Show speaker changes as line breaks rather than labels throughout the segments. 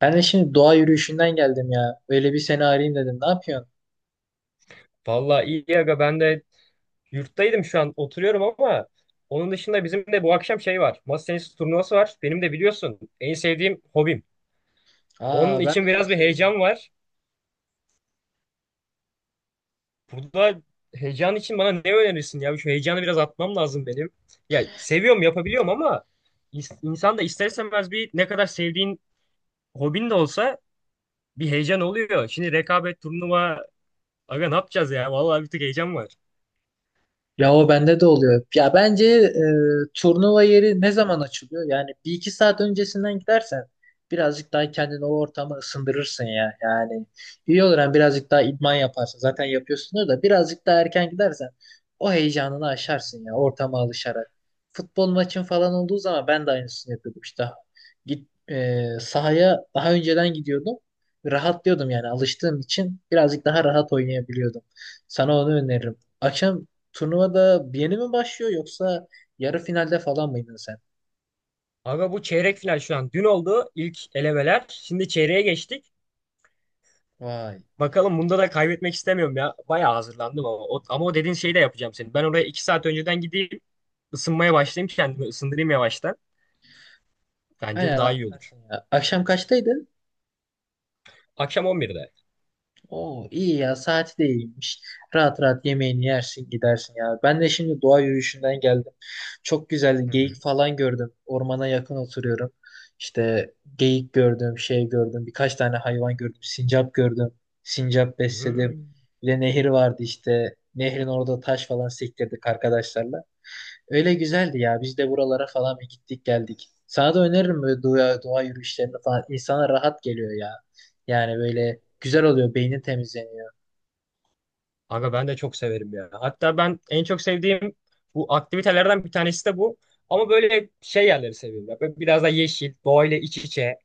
Ben de şimdi doğa yürüyüşünden geldim ya. Böyle bir seni arayayım dedim. Ne yapıyorsun?
Vallahi iyi aga ben de yurttaydım şu an oturuyorum ama onun dışında bizim de bu akşam şey var. Masa tenisi turnuvası var. Benim de biliyorsun en sevdiğim hobim. Onun
Aa ben
için
de
biraz
çok
bir
severim.
heyecan var. Burada heyecan için bana ne önerirsin ya? Şu heyecanı biraz atmam lazım benim. Ya seviyorum yapabiliyorum ama insan da ister istemez bir ne kadar sevdiğin hobin de olsa bir heyecan oluyor. Şimdi rekabet turnuva aga ne yapacağız ya? Vallahi bir tık heyecan var.
Ya o bende de oluyor. Ya bence turnuva yeri ne zaman açılıyor? Yani bir iki saat öncesinden gidersen birazcık daha kendini o ortama ısındırırsın ya. Yani iyi olur, hem birazcık daha idman yaparsın. Zaten yapıyorsun da birazcık daha erken gidersen o heyecanını aşarsın ya, ortama alışarak. Futbol maçın falan olduğu zaman ben de aynısını yapıyordum işte. Sahaya daha önceden gidiyordum. Rahatlıyordum, yani alıştığım için birazcık daha rahat oynayabiliyordum. Sana onu öneririm. Akşam turnuvada yeni mi başlıyor, yoksa yarı finalde falan mıydın sen?
Aga bu çeyrek final şu an. Dün oldu ilk elemeler. Şimdi çeyreğe geçtik.
Vay.
Bakalım bunda da kaybetmek istemiyorum ya. Bayağı hazırlandım ama o dediğin şeyi de yapacağım senin. Ben oraya 2 saat önceden gideyim. Isınmaya başlayayım. Kendimi ısındırayım yavaştan. Bence
Aynen,
daha iyi olur.
rahatlarsın ya. Akşam kaçtaydın?
Akşam 11'de.
Oo, iyi ya, saati de iyiymiş. Rahat rahat yemeğini yersin, gidersin ya. Ben de şimdi doğa yürüyüşünden geldim. Çok güzel
Hı hı.
geyik falan gördüm. Ormana yakın oturuyorum. İşte geyik gördüm, şey gördüm. Birkaç tane hayvan gördüm. Sincap gördüm. Sincap
Hı.
besledim. Bir de nehir vardı işte. Nehrin orada taş falan sektirdik arkadaşlarla. Öyle güzeldi ya. Biz de buralara falan bir gittik geldik. Sana da öneririm böyle doğa yürüyüşlerini falan. İnsana rahat geliyor ya. Yani böyle güzel oluyor. Beynin temizleniyor.
Aga ben de çok severim ya. Hatta ben en çok sevdiğim bu aktivitelerden bir tanesi de bu. Ama böyle şey yerleri seviyorum ya. Böyle biraz da yeşil, doğayla iç içe.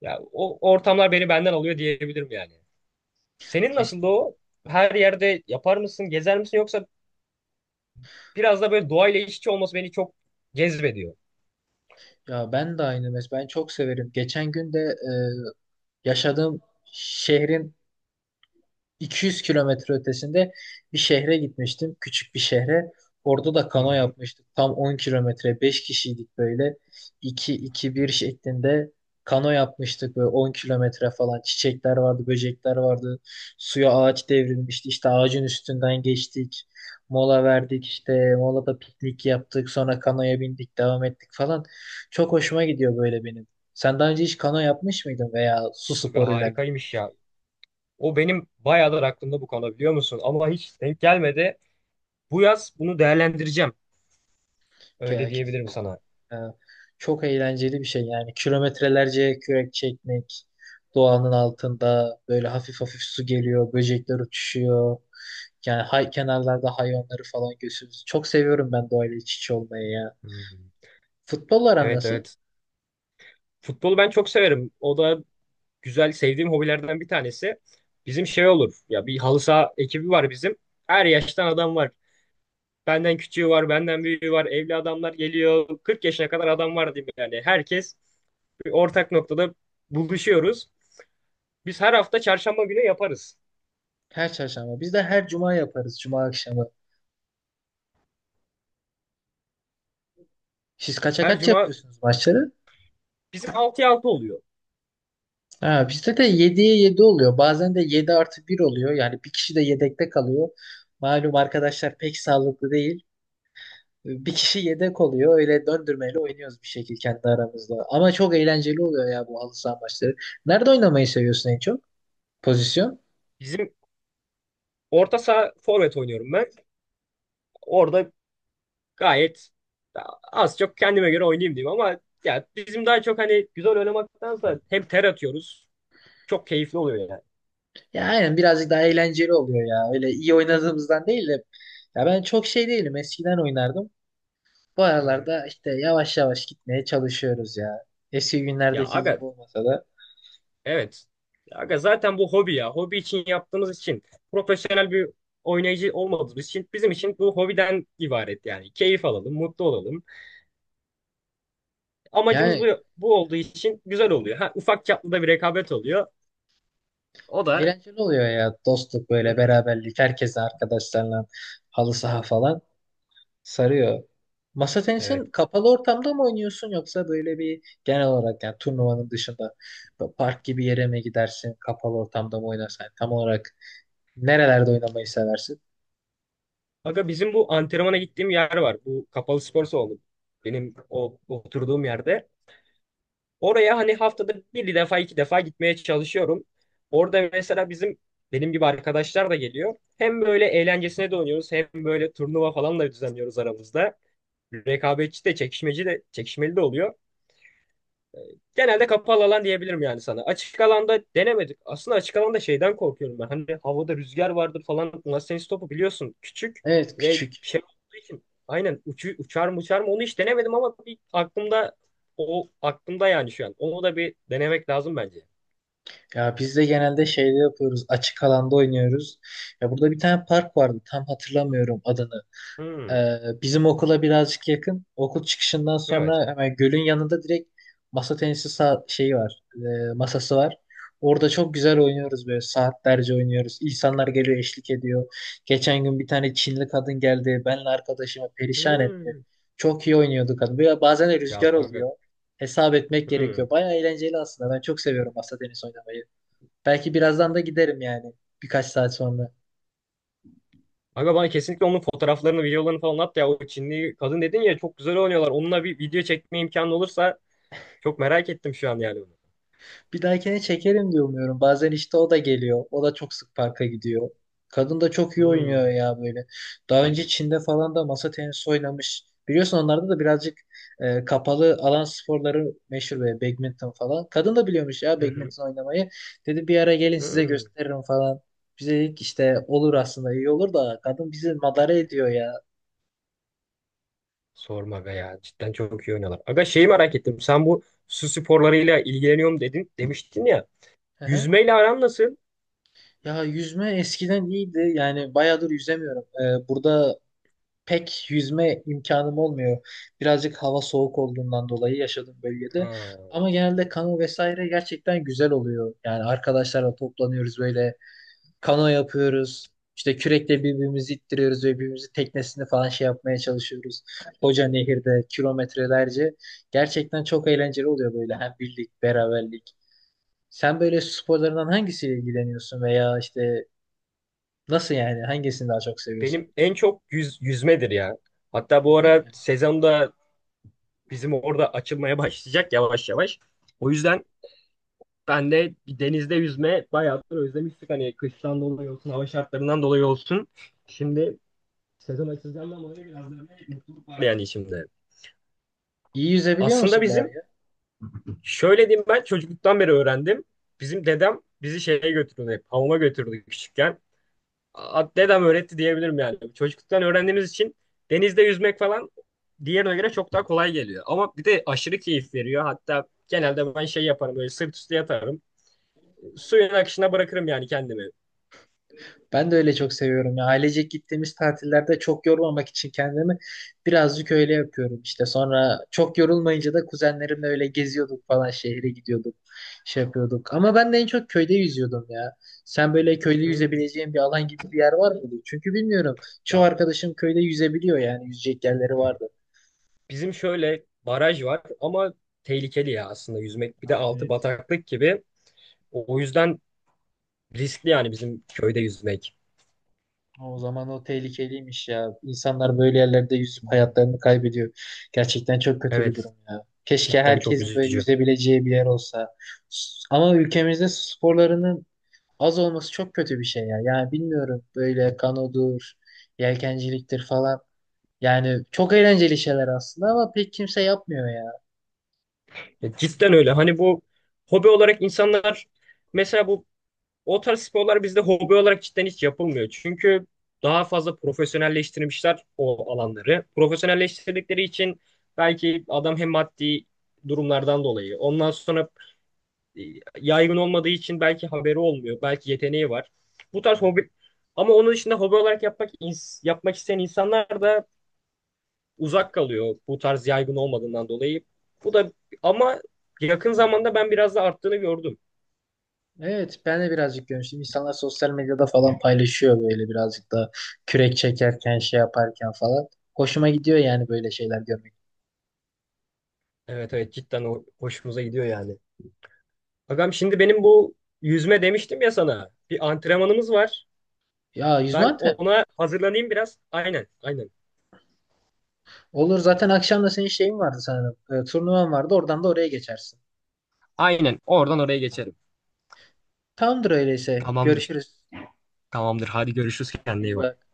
Ya o ortamlar beni benden alıyor diyebilirim yani. Senin nasıl
Kesinlikle.
o? Her yerde yapar mısın, gezer misin yoksa biraz da böyle doğayla iç içe olması beni çok cezbediyor.
Ya ben de aynı. Ben çok severim. Geçen gün de yaşadığım şehrin 200 kilometre ötesinde bir şehre gitmiştim. Küçük bir şehre. Orada da
Hı
kano
hı.
yapmıştık. Tam 10 kilometre. Beş kişiydik böyle. 2 iki bir şeklinde kano yapmıştık. Böyle 10 kilometre falan. Çiçekler vardı, böcekler vardı. Suya ağaç devrilmişti. İşte ağacın üstünden geçtik. Mola verdik işte. Molada piknik yaptık. Sonra kanoya bindik, devam ettik falan. Çok hoşuma gidiyor böyle benim. Sen daha önce hiç kano yapmış mıydın, veya su
Aga
sporuyla alakalı
harikaymış
bir
ya.
şey?
O benim bayağıdır aklımda bu konu biliyor musun? Ama hiç denk gelmedi. Bu yaz bunu değerlendireceğim. Öyle diyebilirim
Kesinlikle.
sana.
Ee, Çok eğlenceli bir şey yani. Kilometrelerce kürek çekmek, doğanın altında böyle hafif hafif su geliyor, böcekler uçuşuyor. Yani kenarlarda hayvanları falan görüyorsunuz. Çok seviyorum ben doğayla iç içe olmayı ya.
Hı.
Futbol aran
Evet,
nasıl?
evet. Futbolu ben çok severim. O da güzel sevdiğim hobilerden bir tanesi. Bizim şey olur. Ya bir halı saha ekibi var bizim. Her yaştan adam var. Benden küçüğü var, benden büyüğü var. Evli adamlar geliyor. 40 yaşına kadar adam var diyeyim yani. Herkes bir ortak noktada buluşuyoruz. Biz her hafta çarşamba günü yaparız.
Her çarşamba. Biz de her cuma yaparız, cuma akşamı. Siz kaça
Her
kaç
cuma
yapıyorsunuz maçları?
bizim 6'ya altı oluyor.
Ha, bizde de yediye 7 oluyor. Bazen de 7 artı bir oluyor. Yani bir kişi de yedekte kalıyor. Malum arkadaşlar pek sağlıklı değil. Bir kişi yedek oluyor. Öyle döndürmeyle oynuyoruz bir şekilde kendi aramızda. Ama çok eğlenceli oluyor ya bu halı saha maçları. Nerede oynamayı seviyorsun en çok? Pozisyon?
Bizim orta saha forvet oynuyorum ben. Orada gayet az çok kendime göre oynayayım diyeyim ama ya bizim daha çok hani güzel oynamaktansa hem ter atıyoruz. Çok keyifli oluyor yani.
Ya aynen, birazcık daha eğlenceli oluyor ya. Öyle iyi oynadığımızdan değil de. Ya ben çok şey değilim. Eskiden oynardım. Bu
Hı hı.
aralarda işte yavaş yavaş gitmeye çalışıyoruz ya. Eski
Ya
günlerdeki gibi
aga.
olmasa da.
Evet. Aga zaten bu hobi ya. Hobi için yaptığımız için profesyonel bir oynayıcı olmadığımız için bizim için bu hobiden ibaret yani. Keyif alalım, mutlu olalım. Amacımız bu.
Yani
Bu olduğu için güzel oluyor. Ha, ufak çaplı da bir rekabet oluyor. O da.
eğlenceli oluyor ya. Dostluk
Hı
böyle,
hı.
beraberlik. Herkese arkadaşlarla halı saha falan. Sarıyor. Masa
Evet.
tenisin kapalı ortamda mı oynuyorsun, yoksa böyle bir genel olarak, yani turnuvanın dışında bu park gibi yere mi gidersin, kapalı ortamda mı oynarsan tam olarak nerelerde oynamayı seversin?
Aga bizim bu antrenmana gittiğim yer var. Bu kapalı spor salonu. Benim o oturduğum yerde. Oraya hani haftada bir defa 2 defa gitmeye çalışıyorum. Orada mesela bizim benim gibi arkadaşlar da geliyor. Hem böyle eğlencesine de oynuyoruz hem böyle turnuva falan da düzenliyoruz aramızda. Rekabetçi de çekişmeci de çekişmeli de oluyor. Genelde kapalı alan diyebilirim yani sana. Açık alanda denemedik. Aslında açık alanda şeyden korkuyorum ben. Hani havada rüzgar vardır falan. Masa tenisi topu biliyorsun küçük
Evet,
ve
küçük.
şey olduğu için. Aynen uçar mı uçar mı onu hiç denemedim ama bir aklımda o aklımda yani şu an. Onu da bir denemek lazım bence.
Ya biz de genelde şeyde yapıyoruz. Açık alanda oynuyoruz. Ya burada bir tane park vardı. Tam hatırlamıyorum adını.
Hmm,
Bizim okula birazcık yakın. Okul çıkışından
evet.
sonra hemen gölün yanında direkt masa tenisi şeyi var. Masası var. Orada çok güzel oynuyoruz, böyle saatlerce oynuyoruz. İnsanlar geliyor, eşlik ediyor. Geçen gün bir tane Çinli kadın geldi. Benle arkadaşımı perişan etti.
Hmm.
Çok iyi oynuyordu kadın. Böyle bazen de
Ya
rüzgar
aga.
oluyor. Hesap etmek
Hmm.
gerekiyor. Baya eğlenceli aslında. Ben çok seviyorum masa tenisi oynamayı. Belki birazdan da giderim yani. Birkaç saat sonra.
Aga bana kesinlikle onun fotoğraflarını, videolarını falan at ya. O Çinli kadın dedin ya çok güzel oynuyorlar. Onunla bir video çekme imkanı olursa çok merak ettim şu an yani, bunu.
Bir dahakine çekerim diye umuyorum. Bazen işte o da geliyor. O da çok sık parka gidiyor. Kadın da çok iyi oynuyor
Hmm.
ya böyle. Daha önce Çin'de falan da masa tenisi oynamış. Biliyorsun, onlarda da birazcık kapalı alan sporları meşhur, böyle badminton falan. Kadın da biliyormuş ya badminton oynamayı. Dedi bir ara gelin size
Hmm,
gösteririm falan. Bize dedik işte olur, aslında iyi olur da kadın bizi madara ediyor ya.
Sorma be ya. Cidden çok iyi oynuyorlar. Aga şeyi merak ettim. Sen bu su sporlarıyla ilgileniyorum dedin, demiştin ya.
Hı hı.
Yüzmeyle aran nasıl?
Ya yüzme eskiden iyiydi. Yani bayağıdır yüzemiyorum. Burada pek yüzme imkanım olmuyor. Birazcık hava soğuk olduğundan dolayı yaşadığım bölgede.
Ha,
Ama genelde kano vesaire gerçekten güzel oluyor. Yani arkadaşlarla toplanıyoruz, böyle kano yapıyoruz. İşte kürekle birbirimizi ittiriyoruz ve birbirimizin teknesini falan şey yapmaya çalışıyoruz. Koca nehirde kilometrelerce. Gerçekten çok eğlenceli oluyor, böyle hem birlik, beraberlik. Sen böyle sporlarından hangisiyle ilgileniyorsun veya işte nasıl, yani hangisini daha çok seviyorsun?
benim en çok yüzmedir ya. Hatta bu
Yüzme
ara
mi?
sezonda bizim orada açılmaya başlayacak yavaş yavaş. O yüzden ben de bir denizde yüzme bayağıdır özlemiştik. Hani kıştan dolayı olsun, hava şartlarından dolayı olsun. Şimdi var yani şimdi.
İyi yüzebiliyor
Aslında
musun
bizim,
bari?
şöyle diyeyim ben çocukluktan beri öğrendim. Bizim dedem bizi şeye götürdü hep. Hamama götürdü küçükken. Dedem öğretti diyebilirim yani. Çocukluktan öğrendiğimiz için denizde yüzmek falan diğerine göre çok daha kolay geliyor. Ama bir de aşırı keyif veriyor. Hatta genelde ben şey yaparım böyle sırt üstü yatarım. Suyun akışına bırakırım yani kendimi.
Ben de öyle çok seviyorum ya. Ailecek gittiğimiz tatillerde çok yormamak için kendimi birazcık öyle yapıyorum işte. Sonra çok yorulmayınca da kuzenlerimle öyle geziyorduk, falan şehre gidiyorduk. Şey yapıyorduk. Ama ben de en çok köyde yüzüyordum ya. Sen böyle köyde
Hmm.
yüzebileceğin bir alan gibi bir yer var mıydı? Çünkü bilmiyorum. Çoğu
Ya
arkadaşım köyde yüzebiliyor yani. Yüzecek yerleri vardı.
bizim şöyle baraj var ama tehlikeli ya aslında yüzmek. Bir de altı
Evet.
bataklık gibi. O yüzden riskli yani bizim köyde yüzmek.
O zaman o tehlikeliymiş ya. İnsanlar böyle yerlerde yüzüp hayatlarını kaybediyor. Gerçekten çok kötü bir
Evet.
durum ya. Keşke
Cidden çok
herkesin böyle
üzücü.
yüzebileceği bir yer olsa. Ama ülkemizde su sporlarının az olması çok kötü bir şey ya. Yani bilmiyorum, böyle kanodur, yelkenciliktir falan. Yani çok eğlenceli şeyler aslında ama pek kimse yapmıyor ya.
Ya cidden öyle. Hani bu hobi olarak insanlar mesela bu o tarz sporlar bizde hobi olarak cidden hiç yapılmıyor. Çünkü daha fazla profesyonelleştirmişler o alanları. Profesyonelleştirdikleri için belki adam hem maddi durumlardan dolayı ondan sonra e, yaygın olmadığı için belki haberi olmuyor. Belki yeteneği var. Bu tarz hobi ama onun dışında hobi olarak yapmak yapmak isteyen insanlar da uzak kalıyor bu tarz yaygın olmadığından dolayı. Bu da ama yakın zamanda ben biraz da arttığını gördüm.
Evet, ben de birazcık görmüştüm. İnsanlar sosyal medyada falan paylaşıyor, böyle birazcık da kürek çekerken, şey yaparken falan. Hoşuma gidiyor yani böyle şeyler görmek.
Evet, evet cidden hoşumuza gidiyor yani. Agam şimdi benim bu yüzme demiştim ya sana. Bir antrenmanımız var.
Ya
Ben
yüzmanten.
ona hazırlanayım biraz. Aynen, aynen.
Olur, zaten akşam da senin şeyin vardı sanırım. Turnuvan vardı. Oradan da oraya geçersin.
Aynen oradan oraya geçerim.
Tamamdır öyleyse.
Tamamdır.
Görüşürüz.
Tamamdır. Hadi görüşürüz. Kendine iyi
İyi
bak.
bak.